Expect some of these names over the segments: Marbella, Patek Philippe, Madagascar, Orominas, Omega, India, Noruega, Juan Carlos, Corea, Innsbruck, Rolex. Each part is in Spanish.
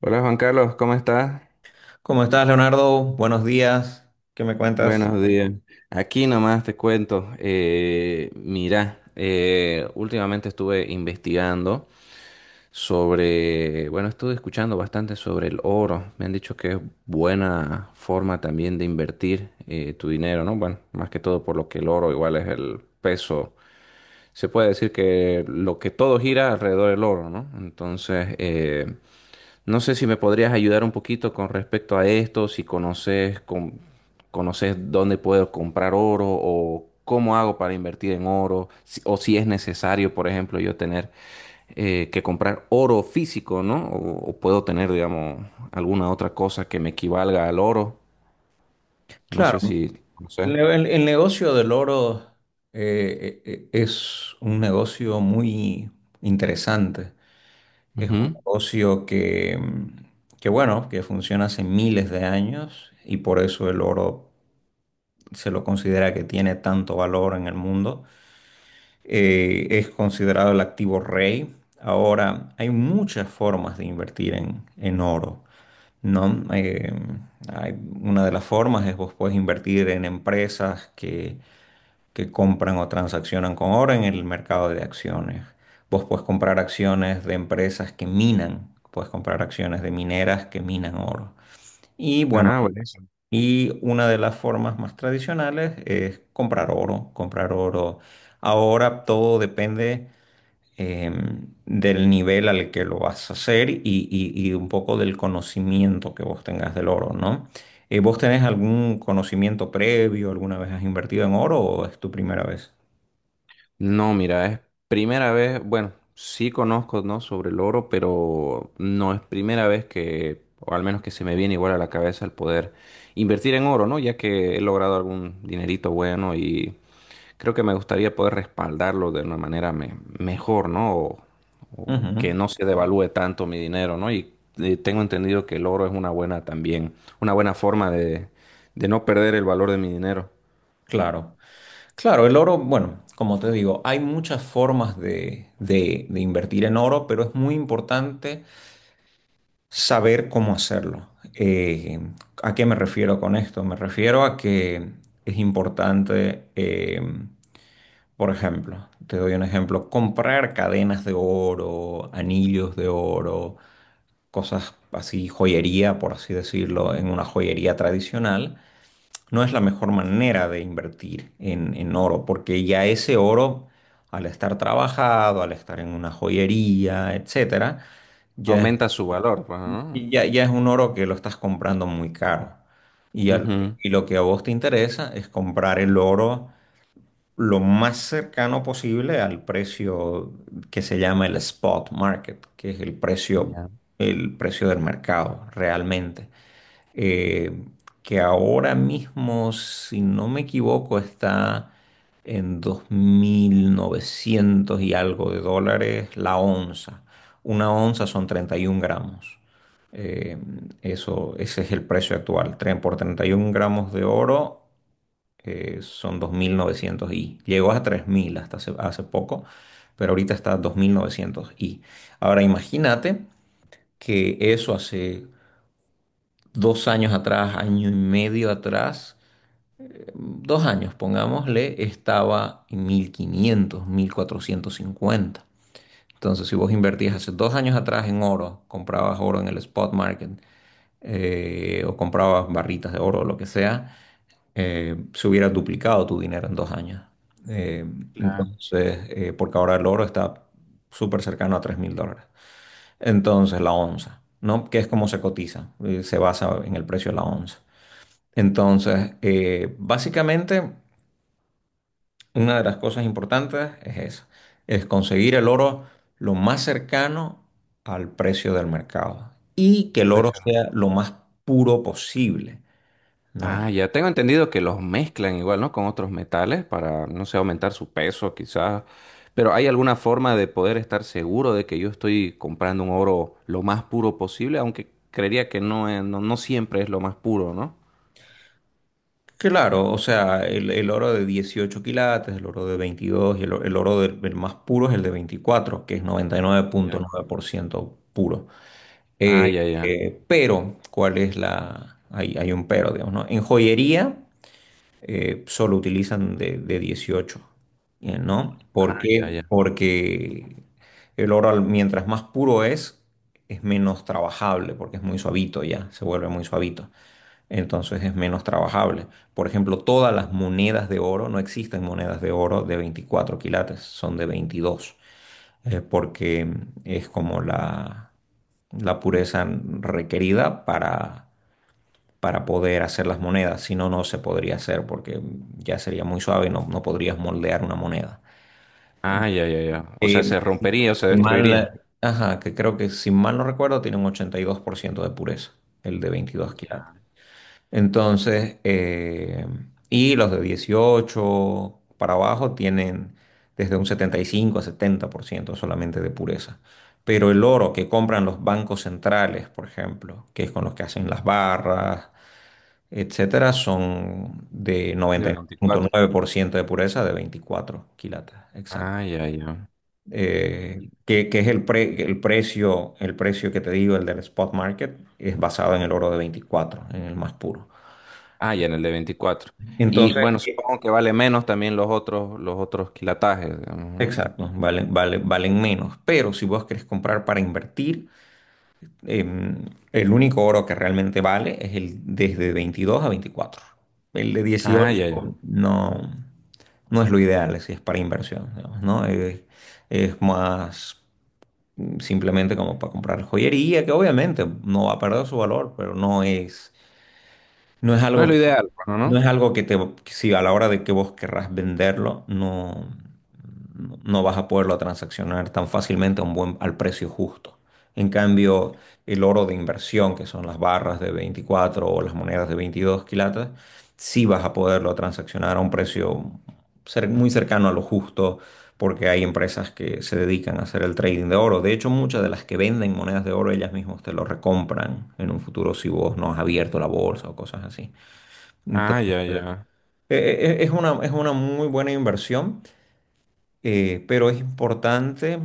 Hola Juan Carlos, ¿cómo estás? ¿Cómo estás, Leonardo? Buenos días. ¿Qué me cuentas? Buenos días. Aquí nomás te cuento, mira, últimamente estuve investigando sobre, bueno, estuve escuchando bastante sobre el oro. Me han dicho que es buena forma también de invertir tu dinero, ¿no? Bueno, más que todo por lo que el oro igual es el peso. Se puede decir que lo que todo gira alrededor del oro, ¿no? Entonces, no sé si me podrías ayudar un poquito con respecto a esto, si conoces, conoces dónde puedo comprar oro o cómo hago para invertir en oro, o si es necesario, por ejemplo, yo tener que comprar oro físico, ¿no? O puedo tener, digamos, alguna otra cosa que me equivalga al oro. No Claro, sé si, no sé. el negocio del oro es un negocio muy interesante. Es un Ujú. negocio que, bueno, que funciona hace miles de años y por eso el oro se lo considera que tiene tanto valor en el mundo. Es considerado el activo rey. Ahora, hay muchas formas de invertir en oro, ¿no? Hay- una de las formas es vos puedes invertir en empresas que compran o transaccionan con oro en el mercado de acciones. Vos puedes comprar acciones de empresas que minan, puedes comprar acciones de mineras que minan oro. Y bueno, Ah, bueno. y una de las formas más tradicionales es comprar oro, comprar oro. Ahora todo depende del nivel al que lo vas a hacer y un poco del conocimiento que vos tengas del oro, ¿no? ¿Vos tenés algún conocimiento previo? ¿Alguna vez has invertido en oro o es tu primera vez? No, mira, es primera vez, bueno, sí conozco, ¿no? Sobre el oro, pero no es primera vez que, o al menos que se me viene igual a la cabeza el poder invertir en oro, ¿no? Ya que he logrado algún dinerito bueno y creo que me gustaría poder respaldarlo de una manera mejor, ¿no? O que Ujú. no se devalúe tanto mi dinero, ¿no? Y, tengo entendido que el oro es una buena también, una buena forma de no perder el valor de mi dinero. Claro, claro, el oro, bueno, como te digo, hay muchas formas de invertir en oro, pero es muy importante saber cómo hacerlo. Eh, ¿A qué me refiero con esto? Me refiero a que es importante, por ejemplo, te doy un ejemplo, comprar cadenas de oro, anillos de oro, cosas así, joyería, por así decirlo, en una joyería tradicional, no es la mejor manera de invertir en oro, porque ya ese oro, al estar trabajado, al estar en una joyería, etcétera, ya es ¿Aumenta su valor, pues, ¿no? Ya es un oro que lo estás comprando muy caro. Y, a Ujú. y lo que a vos te interesa es comprar el oro lo más cercano posible al precio que se llama el spot market, que es Ya. el precio del mercado realmente, eh, que ahora mismo, si no me equivoco, está en 2.900 y algo de dólares la onza. Una onza son 31 gramos. Eh, Eso, ese es el precio actual. Tren por 31 gramos de oro son 2.900 y llegó a 3.000 hasta hace poco, pero ahorita está a 2.900 y. Ahora imagínate que eso hace 2 años atrás, año y medio atrás, 2 años, pongámosle, estaba en 1.500, 1.450. Entonces, si vos invertías hace 2 años atrás en oro, comprabas oro en el spot market, o comprabas barritas de oro o lo que sea, se hubiera duplicado tu dinero en 2 años. Eh, Claro, entonces, porque ahora el oro está súper cercano a 3.000 dólares. Entonces, la onza, ¿no? Que es como se cotiza, se basa en el precio de la onza. Entonces, básicamente, una de las cosas importantes es eso, es conseguir el oro lo más cercano al precio del mercado y que el oro impresionante. sea lo más puro posible, ¿no? Ah, ya tengo entendido que los mezclan igual, ¿no? Con otros metales para, no sé, aumentar su peso quizás. Pero ¿hay alguna forma de poder estar seguro de que yo estoy comprando un oro lo más puro posible? Aunque creería que no, no, no siempre es lo más puro, ¿no? Claro, o sea, el oro de 18 quilates, el oro de 22 el oro el más puro es el de 24, que es Ya. 99.9% puro. Ah, Eh, ya, ya. Pero, ¿cuál es la...? Hay un pero, digamos, ¿no? En joyería solo utilizan de 18, ¿no? ¿Por Ah, ya, ya. qué? Porque el oro, al- mientras más puro es menos trabajable, porque es muy suavito ya, se vuelve muy suavito. Entonces es menos trabajable. Por ejemplo, todas las monedas de oro, no existen monedas de oro de 24 quilates, son de 22, porque es como la pureza requerida para poder hacer las monedas. Si no, no se podría hacer porque ya sería muy suave y no, no podrías moldear una moneda. Ah, ya, ya, ya. O sea, Eh, se rompería o se si destruiría. mal, ajá, que creo que si mal no recuerdo tiene un 82% de pureza, el de 22 quilates. Ya. Entonces, y los de 18 para abajo tienen desde un 75 a 70% solamente de pureza. Pero el oro que compran los bancos centrales, por ejemplo, que es con los que hacen las barras, etcétera, son de De 24. 99.9% de pureza de 24 quilates, exacto. Ah, ya, ya. Que es el precio que te digo, el del spot market, es basado en el oro de 24, en el más puro. Ah, ya en el de 24. Y Entonces, bueno, supongo que vale menos también los otros quilatajes, digamos, ¿no? exacto, valen menos. Pero si vos querés comprar para invertir, em, el único oro que realmente vale es el desde 22 a veinticuatro. El de dieciocho Ah, ya, ya. no, no es lo ideal si es para inversión, digamos, ¿no? Es más simplemente como para comprar joyería, que obviamente no va a perder su valor, pero no es, no es No es algo lo ideal, bueno, ¿no? no ¿No? es algo que si a la hora de que vos querrás venderlo, no, no vas a poderlo transaccionar tan fácilmente a un buen, al precio justo. En cambio, el oro de inversión, que son las barras de 24 o las monedas de 22 quilates, sí vas a poderlo transaccionar a un precio muy cercano a lo justo, porque hay empresas que se dedican a hacer el trading de oro. De hecho, muchas de las que venden monedas de oro, ellas mismas te lo recompran en un futuro si vos no has abierto la bolsa o cosas así. Ah, Entonces, ya, ya. Es una, es una muy buena inversión, pero es importante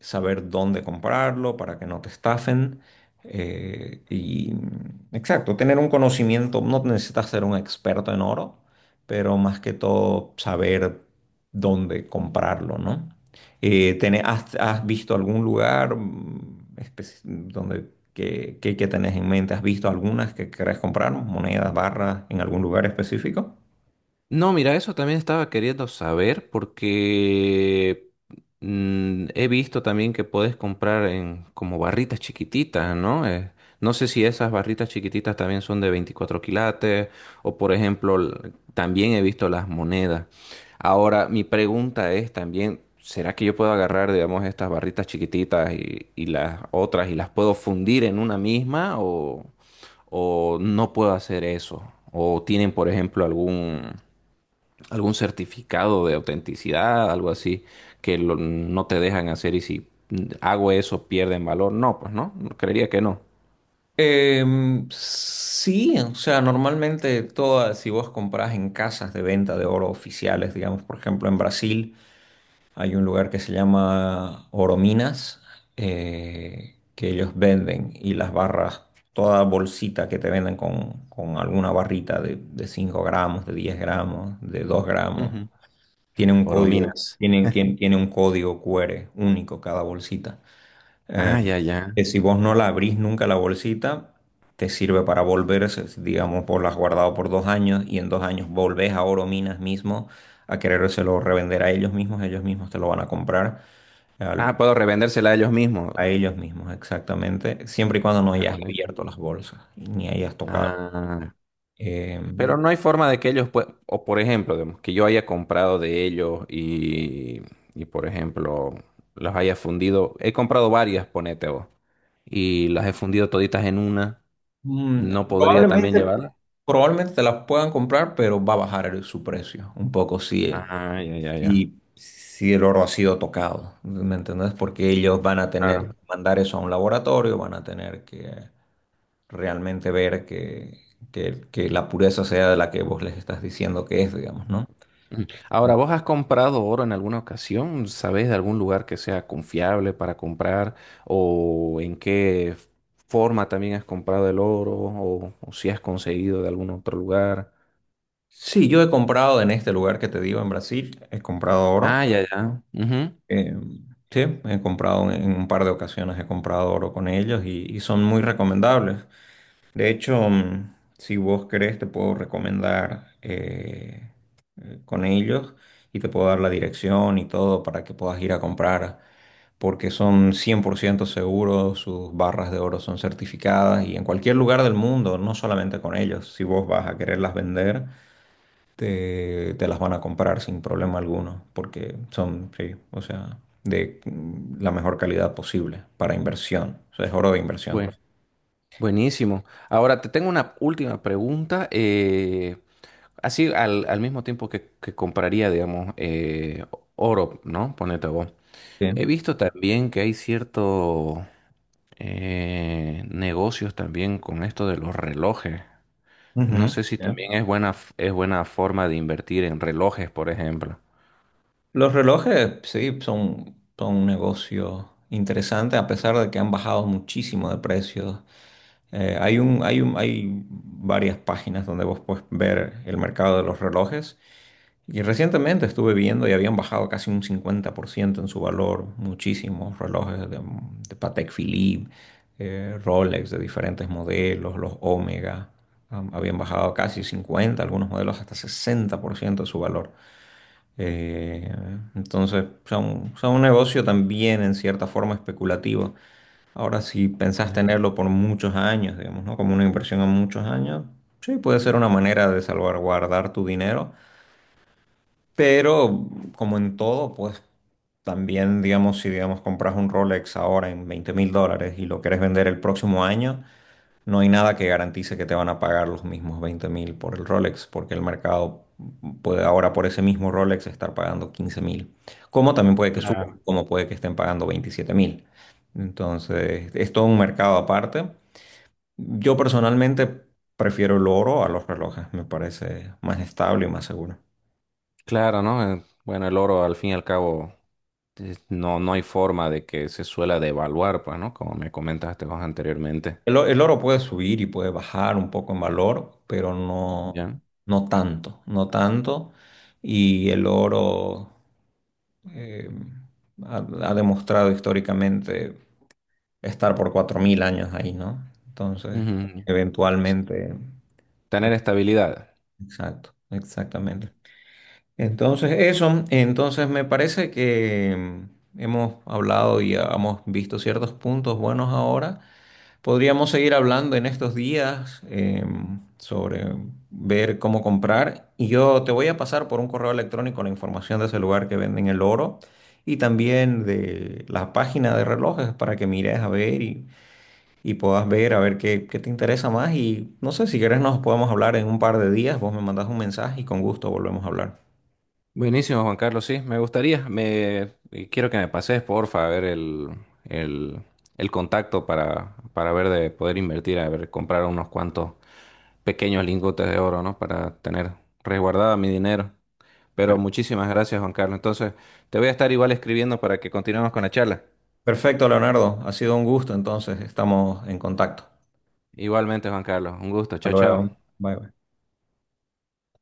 saber dónde comprarlo para que no te estafen. Y exacto, tener un conocimiento, no necesitas ser un experto en oro, pero más que todo saber dónde comprarlo, ¿no? Has, has visto algún lugar, donde que tenés en mente? ¿Has visto algunas que querés comprar, monedas, barras, en algún lugar específico? No, mira, eso también estaba queriendo saber porque he visto también que puedes comprar en como barritas chiquititas, ¿no? No sé si esas barritas chiquititas también son de 24 quilates o por ejemplo, también he visto las monedas. Ahora, mi pregunta es también, ¿será que yo puedo agarrar, digamos, estas barritas chiquititas y las otras y las puedo fundir en una misma o no puedo hacer eso? ¿O tienen, por ejemplo, algún algún certificado de autenticidad, algo así, que no te dejan hacer y si hago eso pierden valor? No, pues no, creería que no. Sí, o sea, normalmente todas, si vos comprás en casas de venta de oro oficiales, digamos, por ejemplo, en Brasil hay un lugar que se llama Orominas, que ellos venden y las barras, toda bolsita que te venden con alguna barrita de 5 gramos, de 10 gramos, de 2 gramos, Ujú. tiene un código, Orominas. Tiene un código QR único cada bolsita Ah, ya, ya. que si vos no la abrís nunca la bolsita, te sirve para volver, digamos, por las guardado por 2 años y en 2 años volvés a Oro Minas mismo a querérselo revender a ellos mismos te lo van a comprar Ah, al- puedo revendérsela a ellos mismos. a ellos mismos, exactamente, siempre y cuando no Ah, hayas buenísimo. abierto las bolsas ni hayas tocado. Ah, Eh, pero no hay forma de que ellos puedan, o por ejemplo, digamos, que yo haya comprado de ellos y por ejemplo, los haya fundido. He comprado varias, ponete vos, y las he fundido toditas en una. mm, ¿No podría también probablemente, llevarlas? Probablemente te las puedan comprar, pero va a bajar el- su precio un poco, sí. Ah, ya, ya, ya. Y si el oro ha sido tocado, ¿me entendés? Porque ellos van a tener Claro. que mandar eso a un laboratorio, van a tener que realmente ver que, que la pureza sea de la que vos les estás diciendo que es, digamos, ¿no? Ujú. Ahora, ¿vos has comprado oro en alguna ocasión? ¿Sabés de algún lugar que sea confiable para comprar? ¿O en qué forma también has comprado el oro? O si has conseguido de algún otro lugar? Sí, yo he comprado en este lugar que te digo, en Brasil, he comprado Ah, oro. ya, ya. Ujú. Eh, sí, he comprado en un par de ocasiones, he comprado oro con ellos y son muy recomendables. De hecho, mm, si vos querés, te puedo recomendar, con ellos y te puedo dar la dirección y todo para que puedas ir a comprar, porque son 100% seguros, sus barras de oro son certificadas y en cualquier lugar del mundo, no solamente con ellos, si vos vas a quererlas vender, te las van a comprar sin problema alguno, porque son, sí, o sea, de la mejor calidad posible para inversión, o sea, es oro de inversión. Buen- buenísimo. Ahora, te tengo una última pregunta. Así al, al mismo tiempo que compraría, digamos, oro, ¿no? Ponete vos. Sí. He visto también que hay ciertos negocios también con esto de los relojes. No Ujú. sé si también es buena, es buena forma de invertir en relojes, por ejemplo. Los relojes, sí, son, son un negocio interesante, a pesar de que han bajado muchísimo de precios. Hay varias páginas donde vos puedes ver el mercado de los relojes. Y recientemente estuve viendo y habían bajado casi un 50% en su valor. Muchísimos relojes de Patek Philippe, Rolex de diferentes modelos, los Omega, habían bajado casi 50 algunos modelos hasta 60% de su valor. Eh, entonces, ya un negocio también en cierta forma especulativo. Ahora, si pensás Ya. tenerlo por muchos años, digamos, ¿no? Como una inversión a muchos años, sí, puede ser una manera de salvaguardar tu dinero, pero como en todo, pues también, digamos, si, digamos, compras un Rolex ahora en 20.000 dólares y lo querés vender el próximo año, no hay nada que garantice que te van a pagar los mismos 20.000 por el Rolex, porque el mercado puede ahora por ese mismo Rolex estar pagando 15.000. Como también puede que suba, Claro. como puede que estén pagando 27.000. Entonces, es todo un mercado aparte. Yo personalmente prefiero el oro a los relojes, me parece más estable y más seguro. Claro, ¿no? Bueno, el oro al fin y al cabo no, no hay forma de que se suela devaluar, pues, ¿no? Como me comentaste vos anteriormente. El oro puede subir y puede bajar un poco en valor, pero no, Ya. no tanto, no tanto. Y el oro, eh, ha demostrado históricamente estar por 4.000 años ahí, ¿no? Entonces, Ujú. eventualmente, Tener estabilidad. exacto, exactamente. Entonces, eso, entonces me parece que hemos hablado y hemos visto ciertos puntos buenos ahora. Podríamos seguir hablando en estos días, sobre ver cómo comprar y yo te voy a pasar por un correo electrónico la información de ese lugar que venden el oro y también de la página de relojes para que mires a ver y puedas ver a ver qué, qué te interesa más y no sé si quieres nos podemos hablar en un par de días, vos me mandas un mensaje y con gusto volvemos a hablar. Buenísimo, Juan Carlos, sí, me gustaría. Me quiero que me pases, porfa, a ver el, el contacto para ver de poder invertir, a ver, comprar unos cuantos pequeños lingotes de oro, ¿no? Para tener resguardado mi dinero. Pero Per- muchísimas gracias, Juan Carlos. Entonces, te voy a estar igual escribiendo para que continuemos con la charla. Perfecto, Leonardo, ha sido un gusto, entonces estamos en contacto. Igualmente, Juan Carlos, un gusto. Hasta Chao, chao. luego. Bye. Bye.